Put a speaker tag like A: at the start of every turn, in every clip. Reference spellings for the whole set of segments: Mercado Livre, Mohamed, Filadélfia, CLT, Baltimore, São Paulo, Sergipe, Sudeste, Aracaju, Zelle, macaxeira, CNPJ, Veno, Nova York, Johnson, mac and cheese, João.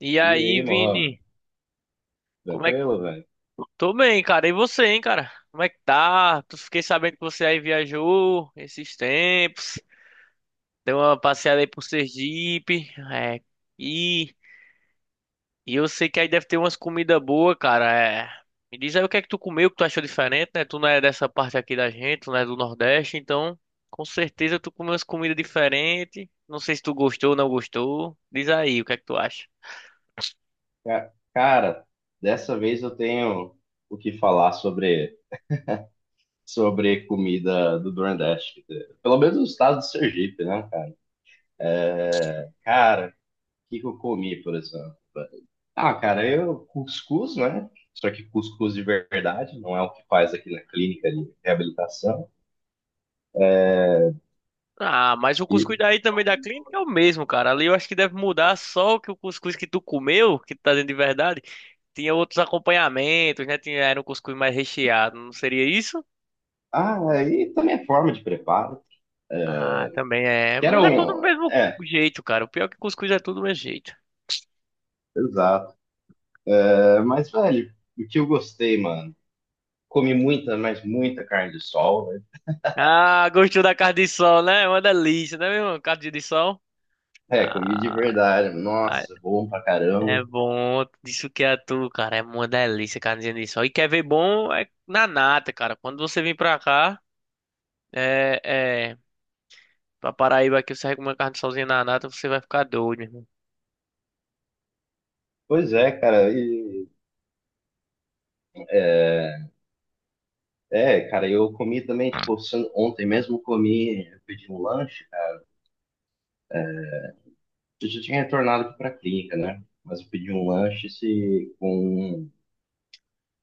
A: E
B: E
A: aí,
B: aí, Mohamed?
A: Vini? Como é que.
B: Tranquilo, velho?
A: Tô bem, cara. E você, hein, cara? Como é que tá? Tu fiquei sabendo que você aí viajou esses tempos. Deu uma passeada aí por Sergipe. E, e eu sei que aí deve ter umas comidas boas, cara. É. Me diz aí o que é que tu comeu, que tu achou diferente, né? Tu não é dessa parte aqui da gente, tu não é do Nordeste, então com certeza tu comeu umas comidas diferentes. Não sei se tu gostou ou não gostou. Diz aí o que é que tu acha.
B: Cara, dessa vez eu tenho o que falar sobre comida do Nordeste. Pelo menos o estado do Sergipe, né, cara? É, cara, o que que eu comi, por exemplo? Ah, cara, eu cuscuz, né? Só que cuscuz de verdade, não é o que faz aqui na clínica de reabilitação.
A: Ah, mas o
B: E,
A: cuscuz daí também da clínica é o mesmo, cara. Ali eu acho que deve mudar só que o cuscuz que tu comeu, que tu tá dentro de verdade, tinha outros acompanhamentos, né? Tinha, era um cuscuz mais recheado, não seria isso?
B: ah, é, e também a forma de preparo. É.
A: Ah, também é.
B: Que
A: Mas
B: era
A: é tudo do
B: um.
A: mesmo
B: É,
A: jeito, cara. O pior é que cuscuz é tudo do mesmo jeito.
B: exato. É, mas, velho, o que eu gostei, mano? Comi muita, mas muita carne de sol, velho.
A: Ah, gostou da carne de sol, né? É uma delícia, né, meu irmão? Carne de sol.
B: É, comi de
A: Ah,
B: verdade.
A: ai,
B: Nossa, bom pra
A: é
B: caramba.
A: bom. Isso que é tu, cara. É uma delícia, carne de sol. E quer ver bom é na nata, cara. Quando você vir pra cá. É, é, Pra Paraíba aqui, você com uma carne sozinha na nata, você vai ficar doido, meu irmão.
B: Pois é, cara. É, cara, eu comi também, tipo, ontem mesmo eu comi, eu pedi um lanche, cara. Eu já tinha retornado aqui pra clínica, né? Mas eu pedi um lanche se, com,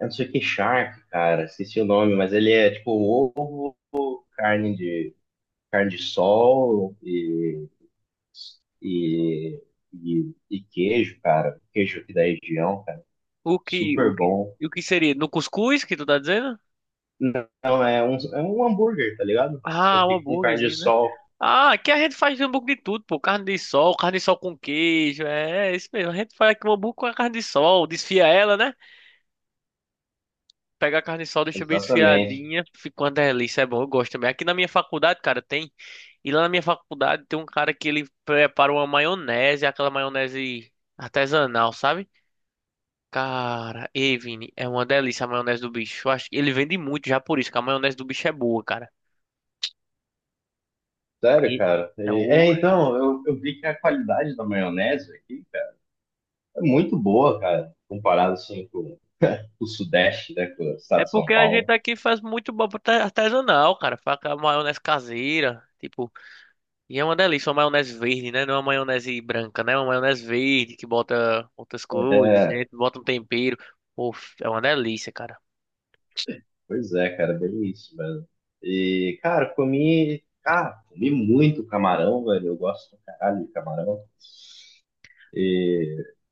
B: eu não sei o que, shark, cara. Esqueci o nome, mas ele é, tipo, um ovo, carne de, carne de sol e, e e queijo, cara. Queijo aqui da região, cara.
A: O que, o
B: Super
A: que,
B: bom.
A: o que seria? No cuscuz que tu tá dizendo?
B: Não, é um hambúrguer, tá ligado? Só
A: Ah, um
B: que com carne de
A: hambúrguerzinho, né?
B: sol.
A: Ah, aqui a gente faz hambúrguer de tudo, pô. Carne de sol com queijo. É, é isso mesmo. A gente faz aqui um hambúrguer com a carne de sol. Desfia ela, né? Pega a carne de sol, deixa bem
B: Exatamente.
A: desfiadinha. Fica uma delícia. É bom, eu gosto também. Aqui na minha faculdade, cara, tem. E lá na minha faculdade tem um cara que ele prepara uma maionese, aquela maionese artesanal, sabe? Cara, ei, Vini, é uma delícia a maionese do bicho. Eu acho que ele vende muito já por isso, que a maionese do bicho é boa, cara.
B: Sério,
A: E
B: cara.
A: é, o-
B: É, então, eu vi que a qualidade da maionese aqui, cara, é muito boa, cara. Comparado, assim, com o Sudeste, né, com o
A: é
B: estado de São
A: porque a gente
B: Paulo.
A: aqui faz muito artesanal, cara. Faz aquela maionese caseira, tipo, e é uma delícia, uma maionese verde, né? Não é uma maionese branca, né? É uma maionese verde que bota outras coisas,
B: É,
A: né? Bota um tempero. Pô, é uma delícia, cara.
B: pois é, cara, bem isso, velho. E, cara, comi... Ah, comi muito camarão, velho. Eu gosto pra caralho de camarão. E,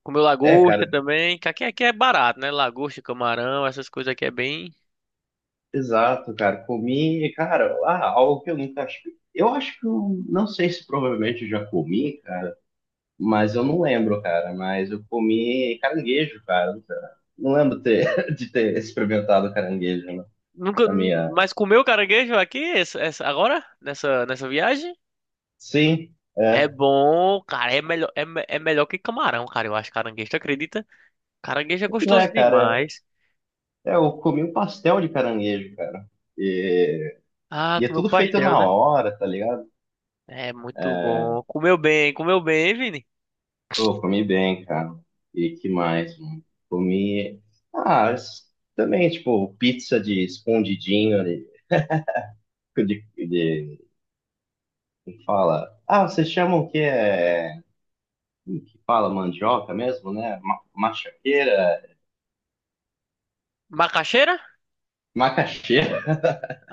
A: Comeu
B: é, cara,
A: lagosta também, que aqui, aqui é barato, né? Lagosta, camarão, essas coisas aqui é bem.
B: Exato, cara. Comi, e, cara, ah, algo que eu nunca acho. Eu acho que eu não sei se provavelmente eu já comi, cara, mas eu não lembro, cara. Mas eu comi caranguejo, cara. Não lembro ter, de ter experimentado caranguejo, né,
A: Nunca,
B: na minha.
A: mas comer o caranguejo aqui, agora, nessa viagem,
B: Sim,
A: é
B: é.
A: bom, cara, é melhor, é melhor que camarão, cara, eu acho caranguejo, tu acredita? Caranguejo é
B: Pois
A: gostoso
B: é, cara.
A: demais.
B: É, eu comi um pastel de caranguejo, cara. E,
A: Ah,
B: e é
A: comeu
B: tudo feito
A: pastel,
B: na
A: né?
B: hora, tá ligado?
A: É muito bom. Comeu bem, hein, Vini?
B: Pô, comi bem, cara. E que mais, mano? Comi. Ah, s- Também, tipo, pizza de escondidinho ali. De, de, como fala. Ah, vocês chamam que é. Como que fala mandioca mesmo, né? Machaqueira.
A: Macaxeira?
B: Macaxeira.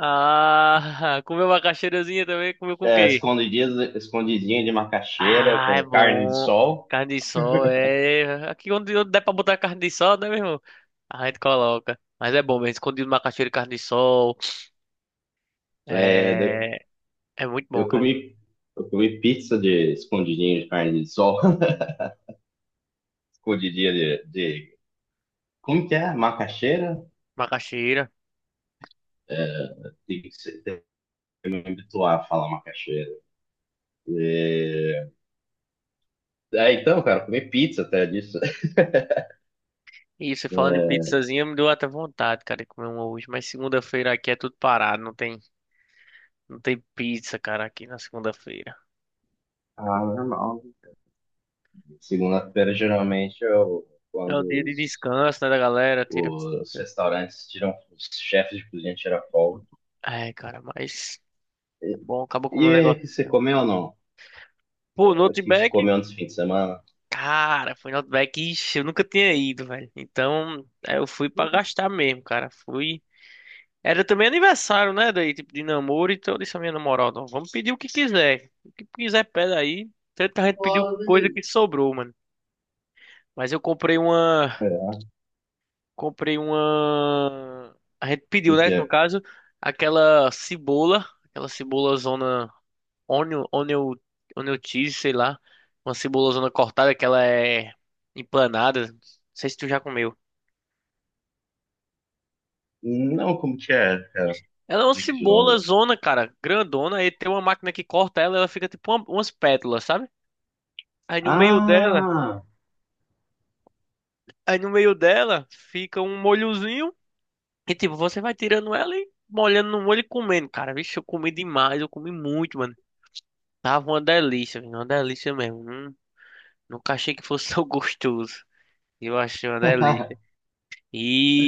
A: Ah, comeu macaxeirazinha também, comeu com o
B: É,
A: quê?
B: escondidinho de macaxeira
A: Ah, é
B: com carne de
A: bom.
B: sol.
A: Carne de sol, é. Aqui onde der pra botar carne de sol, né, meu irmão? A gente coloca. Mas é bom mesmo, escondido macaxeira e carne de sol.
B: É, de-
A: É, é muito bom,
B: eu
A: cara.
B: comi, eu comi pizza de escondidinho de carne de sol. Escondidinho de. Como que é? Macaxeira?
A: Macaxeira.
B: Me habituar a falar macaxeira. É... Ah, então, cara, comer pizza até disso.
A: E você falando em pizzazinha, me deu até vontade, cara, de comer uma hoje. Mas segunda-feira aqui é tudo parado. Não tem pizza, cara, aqui na segunda-feira.
B: Ah, normal. Segunda-feira, geralmente, eu,
A: É o dia de descanso, né, da galera. Tira.
B: os restaurantes tiram, os chefes de cozinha tiram folga.
A: É, cara, mas é
B: E,
A: bom, acabou comendo um
B: e o que você
A: negocinho.
B: comeu ou não?
A: Pô, no
B: O que você
A: Outback,
B: comeu nesse fim de semana?
A: cara, foi no Outback, ixi, eu nunca tinha ido, velho. Então, é, eu fui pra gastar mesmo, cara. Fui. Era também aniversário, né? Daí, tipo, de namoro. Então eu disse à minha namorada, ó, vamos pedir o que quiser. O que quiser, pede aí. Tanta gente pediu
B: Logo,
A: coisa
B: beleza.
A: que sobrou, mano. Mas eu comprei uma.
B: É.
A: Comprei uma. A gente pediu,
B: O que
A: né? No
B: é?
A: caso, aquela cebola. Aquela cebola zona. Onion, onion, onion cheese, sei lá. Uma cebola zona cortada que ela é empanada. Não sei se tu já comeu.
B: Não, como que é, cara?
A: Ela é uma
B: Explique de
A: cebola
B: novo.
A: zona, cara, grandona, e tem uma máquina que corta ela, ela fica tipo umas pétalas, sabe? Aí no meio dela,
B: Ah,
A: aí no meio dela fica um molhozinho e tipo, você vai tirando ela e molhando no molho e comendo. Cara, vixe, eu comi demais, eu comi muito, mano. Tava uma delícia, viu? Uma delícia mesmo. Nunca achei que fosse tão gostoso. Eu achei uma delícia.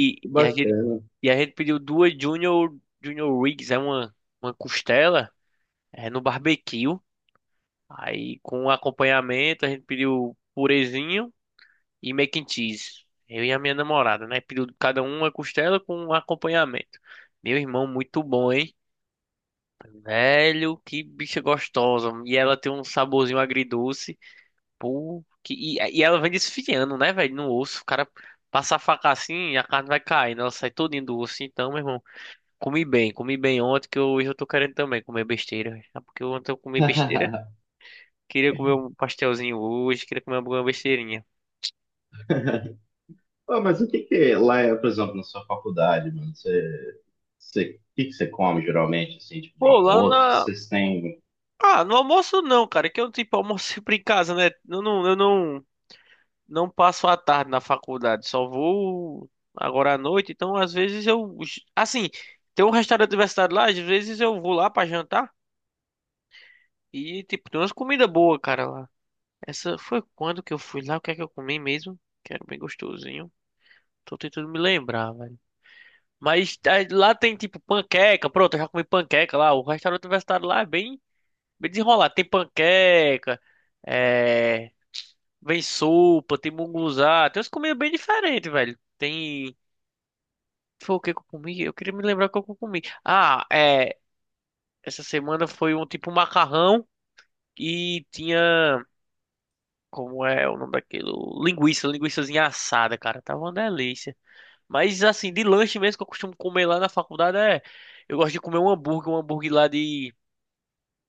B: que
A: e a gente,
B: bacana.
A: e a gente pediu duas Junior, Junior Rigs, é uma costela, é no barbecue. Aí com acompanhamento a gente pediu purezinho e mac and cheese. Eu e a minha namorada, né? Pediu cada um uma costela com um acompanhamento. Meu irmão, muito bom, hein? Velho, que bicha gostosa. E ela tem um saborzinho agridoce. Pô, e ela vem desfiando, né, velho? No osso. O cara passa a faca assim e a carne vai caindo. Ela sai todinha do osso. Então, meu irmão, comi bem. Comi bem ontem, que hoje eu tô querendo também comer besteira. É porque ontem eu comi besteira. Queria comer um pastelzinho hoje, queria comer alguma besteirinha.
B: Ah, mas o que que lá é, por exemplo, na sua faculdade, mano? Você, o que que você come geralmente, assim, tipo de
A: Pô, lá
B: almoço?
A: na,
B: Vocês têm.
A: Ah, no almoço não, cara, é que eu tipo almoço sempre em casa, né? Eu não passo a tarde na faculdade, só vou agora à noite, então às vezes eu, assim, tem um restaurante universitário lá, às vezes eu vou lá pra jantar e tipo tem umas comidas boas, cara, lá. Essa foi quando que eu fui lá, o que é que eu comi mesmo? Que era bem gostosinho. Tô tentando me lembrar, velho. Mas ah, lá tem tipo panqueca, pronto, eu já comi panqueca lá. O restaurante universitário lá é bem, bem desenrolado. É, Vem sopa, tem munguzá, tem umas comidas bem diferentes, velho. Tem. Foi o que que eu comi? Eu queria me lembrar o que eu comi. Ah, é. Essa semana foi um tipo macarrão e tinha. Como é o nome daquilo? Linguiça, linguiçazinha assada, cara. Tava uma delícia. Mas assim, de lanche mesmo que eu costumo comer lá na faculdade é. Eu gosto de comer um hambúrguer lá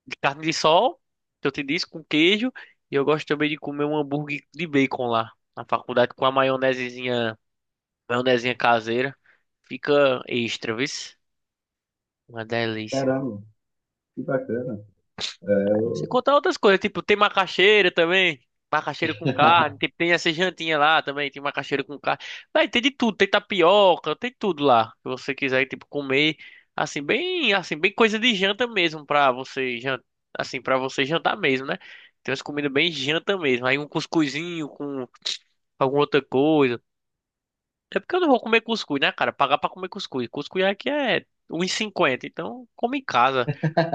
A: de carne de sol, que eu te disse, com queijo. E eu gosto também de comer um hambúrguer de bacon lá na faculdade com a maionesezinha. Maionezinha caseira. Fica extra, viu? Uma delícia.
B: Caramba, que bacana. É,
A: Você
B: eu-
A: contar outras coisas, tipo, tem macaxeira também. Macaxeira com carne. Tem, tem essa jantinha lá também. Tem macaxeira com carne. Vai, tem de tudo. Tem tapioca, tem tudo lá. Se você quiser, tipo, comer. Assim, bem coisa de janta mesmo pra você jantar. Assim, pra você jantar mesmo, né? Tem umas comidas bem janta mesmo. Aí um cuscuzinho com alguma outra coisa. É porque eu não vou comer cuscuz, né, cara? Pagar pra comer cuscuz. Cuscuz aqui é 1,50, então come em casa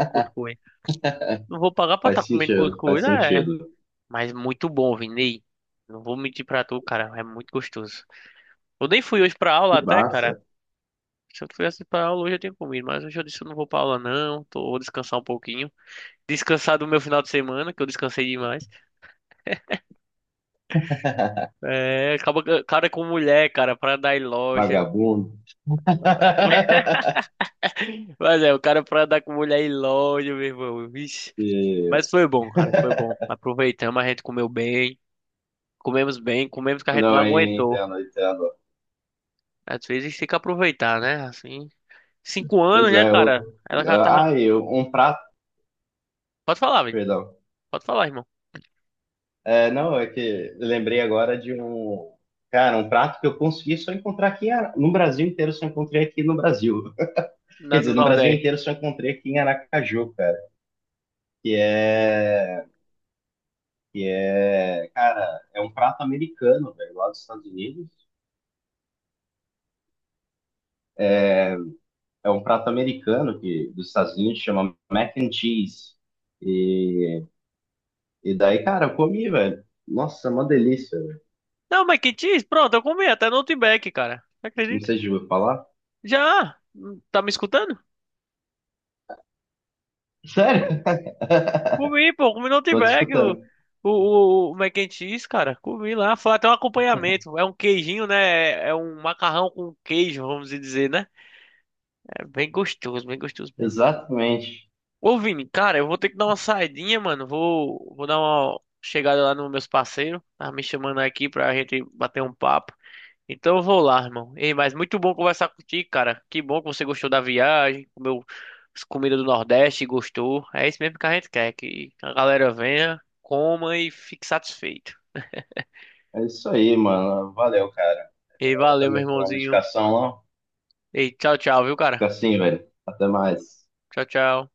A: cuscuz. Não vou pagar pra estar
B: Faz
A: comendo
B: sentido,
A: cuscuz,
B: faz
A: é.
B: sentido.
A: Mas muito bom, Vini. Não vou mentir pra tu, cara. É muito gostoso. Eu nem fui hoje pra aula
B: Que
A: até, cara.
B: massa.
A: Se eu tivesse pra aula hoje eu tinha comido, mas hoje eu disse eu não vou pra aula não. Tô, vou descansar um pouquinho. Descansar do meu final de semana, que eu descansei demais. É, acaba, cara, com mulher, cara, pra dar em loja.
B: Vagabundo.
A: Mas é, o cara pra andar com mulher aí longe, meu irmão. Vixe.
B: E...
A: Mas foi bom, cara, foi bom. Aproveitamos, a gente comeu bem, comemos que a gente não
B: Não, eu
A: aguentou.
B: entendo, eu entendo.
A: Às vezes tem que aproveitar, né? Assim, 5 anos,
B: Pois
A: né,
B: é, eu.
A: cara? Ela já tava.
B: Ah, eu... um prato,
A: Pode falar, velho.
B: perdão.
A: Pode falar, irmão.
B: É, não, é que eu lembrei agora de um. Cara, um prato que eu consegui só encontrar aqui em no Brasil inteiro, só encontrei aqui no Brasil. Quer
A: Na,
B: dizer,
A: no
B: no Brasil
A: Nordeste.
B: inteiro só encontrei aqui em Aracaju, cara, que é que é, cara, é um prato americano, velho, lá dos Estados Unidos. É um prato americano que dos Estados Unidos chama mac and cheese. E, e daí, cara, eu comi, velho. Nossa, é uma delícia, velho.
A: Não, mas que diz? Pronto, eu comi até no Outback, cara.
B: Não
A: Acredita?
B: sei se eu vou falar.
A: Já! Tá me escutando?
B: Sério?
A: Comi, pô, comi no
B: Tô te
A: Outback o,
B: escutando.
A: o, o, o mac and cheese, cara. Comi lá, foi até um acompanhamento. É um queijinho, né? É um macarrão com queijo, vamos dizer, né? É bem gostoso mesmo.
B: Exatamente.
A: Ô, Vini, cara, eu vou ter que dar uma saidinha, mano. Vou dar uma chegada lá nos meus parceiros. Tá me chamando aqui pra gente bater um papo. Então eu vou lá, irmão. Ei, mas muito bom conversar contigo, cara. Que bom que você gostou da viagem, comeu as comidas do Nordeste, e gostou. É isso mesmo que a gente quer, que a galera venha, coma e fique satisfeito.
B: É isso aí, mano. Valeu, cara.
A: Ei,
B: Eu
A: valeu, meu
B: também vou tomar uma
A: irmãozinho.
B: medicação lá.
A: Ei, tchau, tchau, viu, cara?
B: Fica assim, velho. Até mais.
A: Tchau, tchau.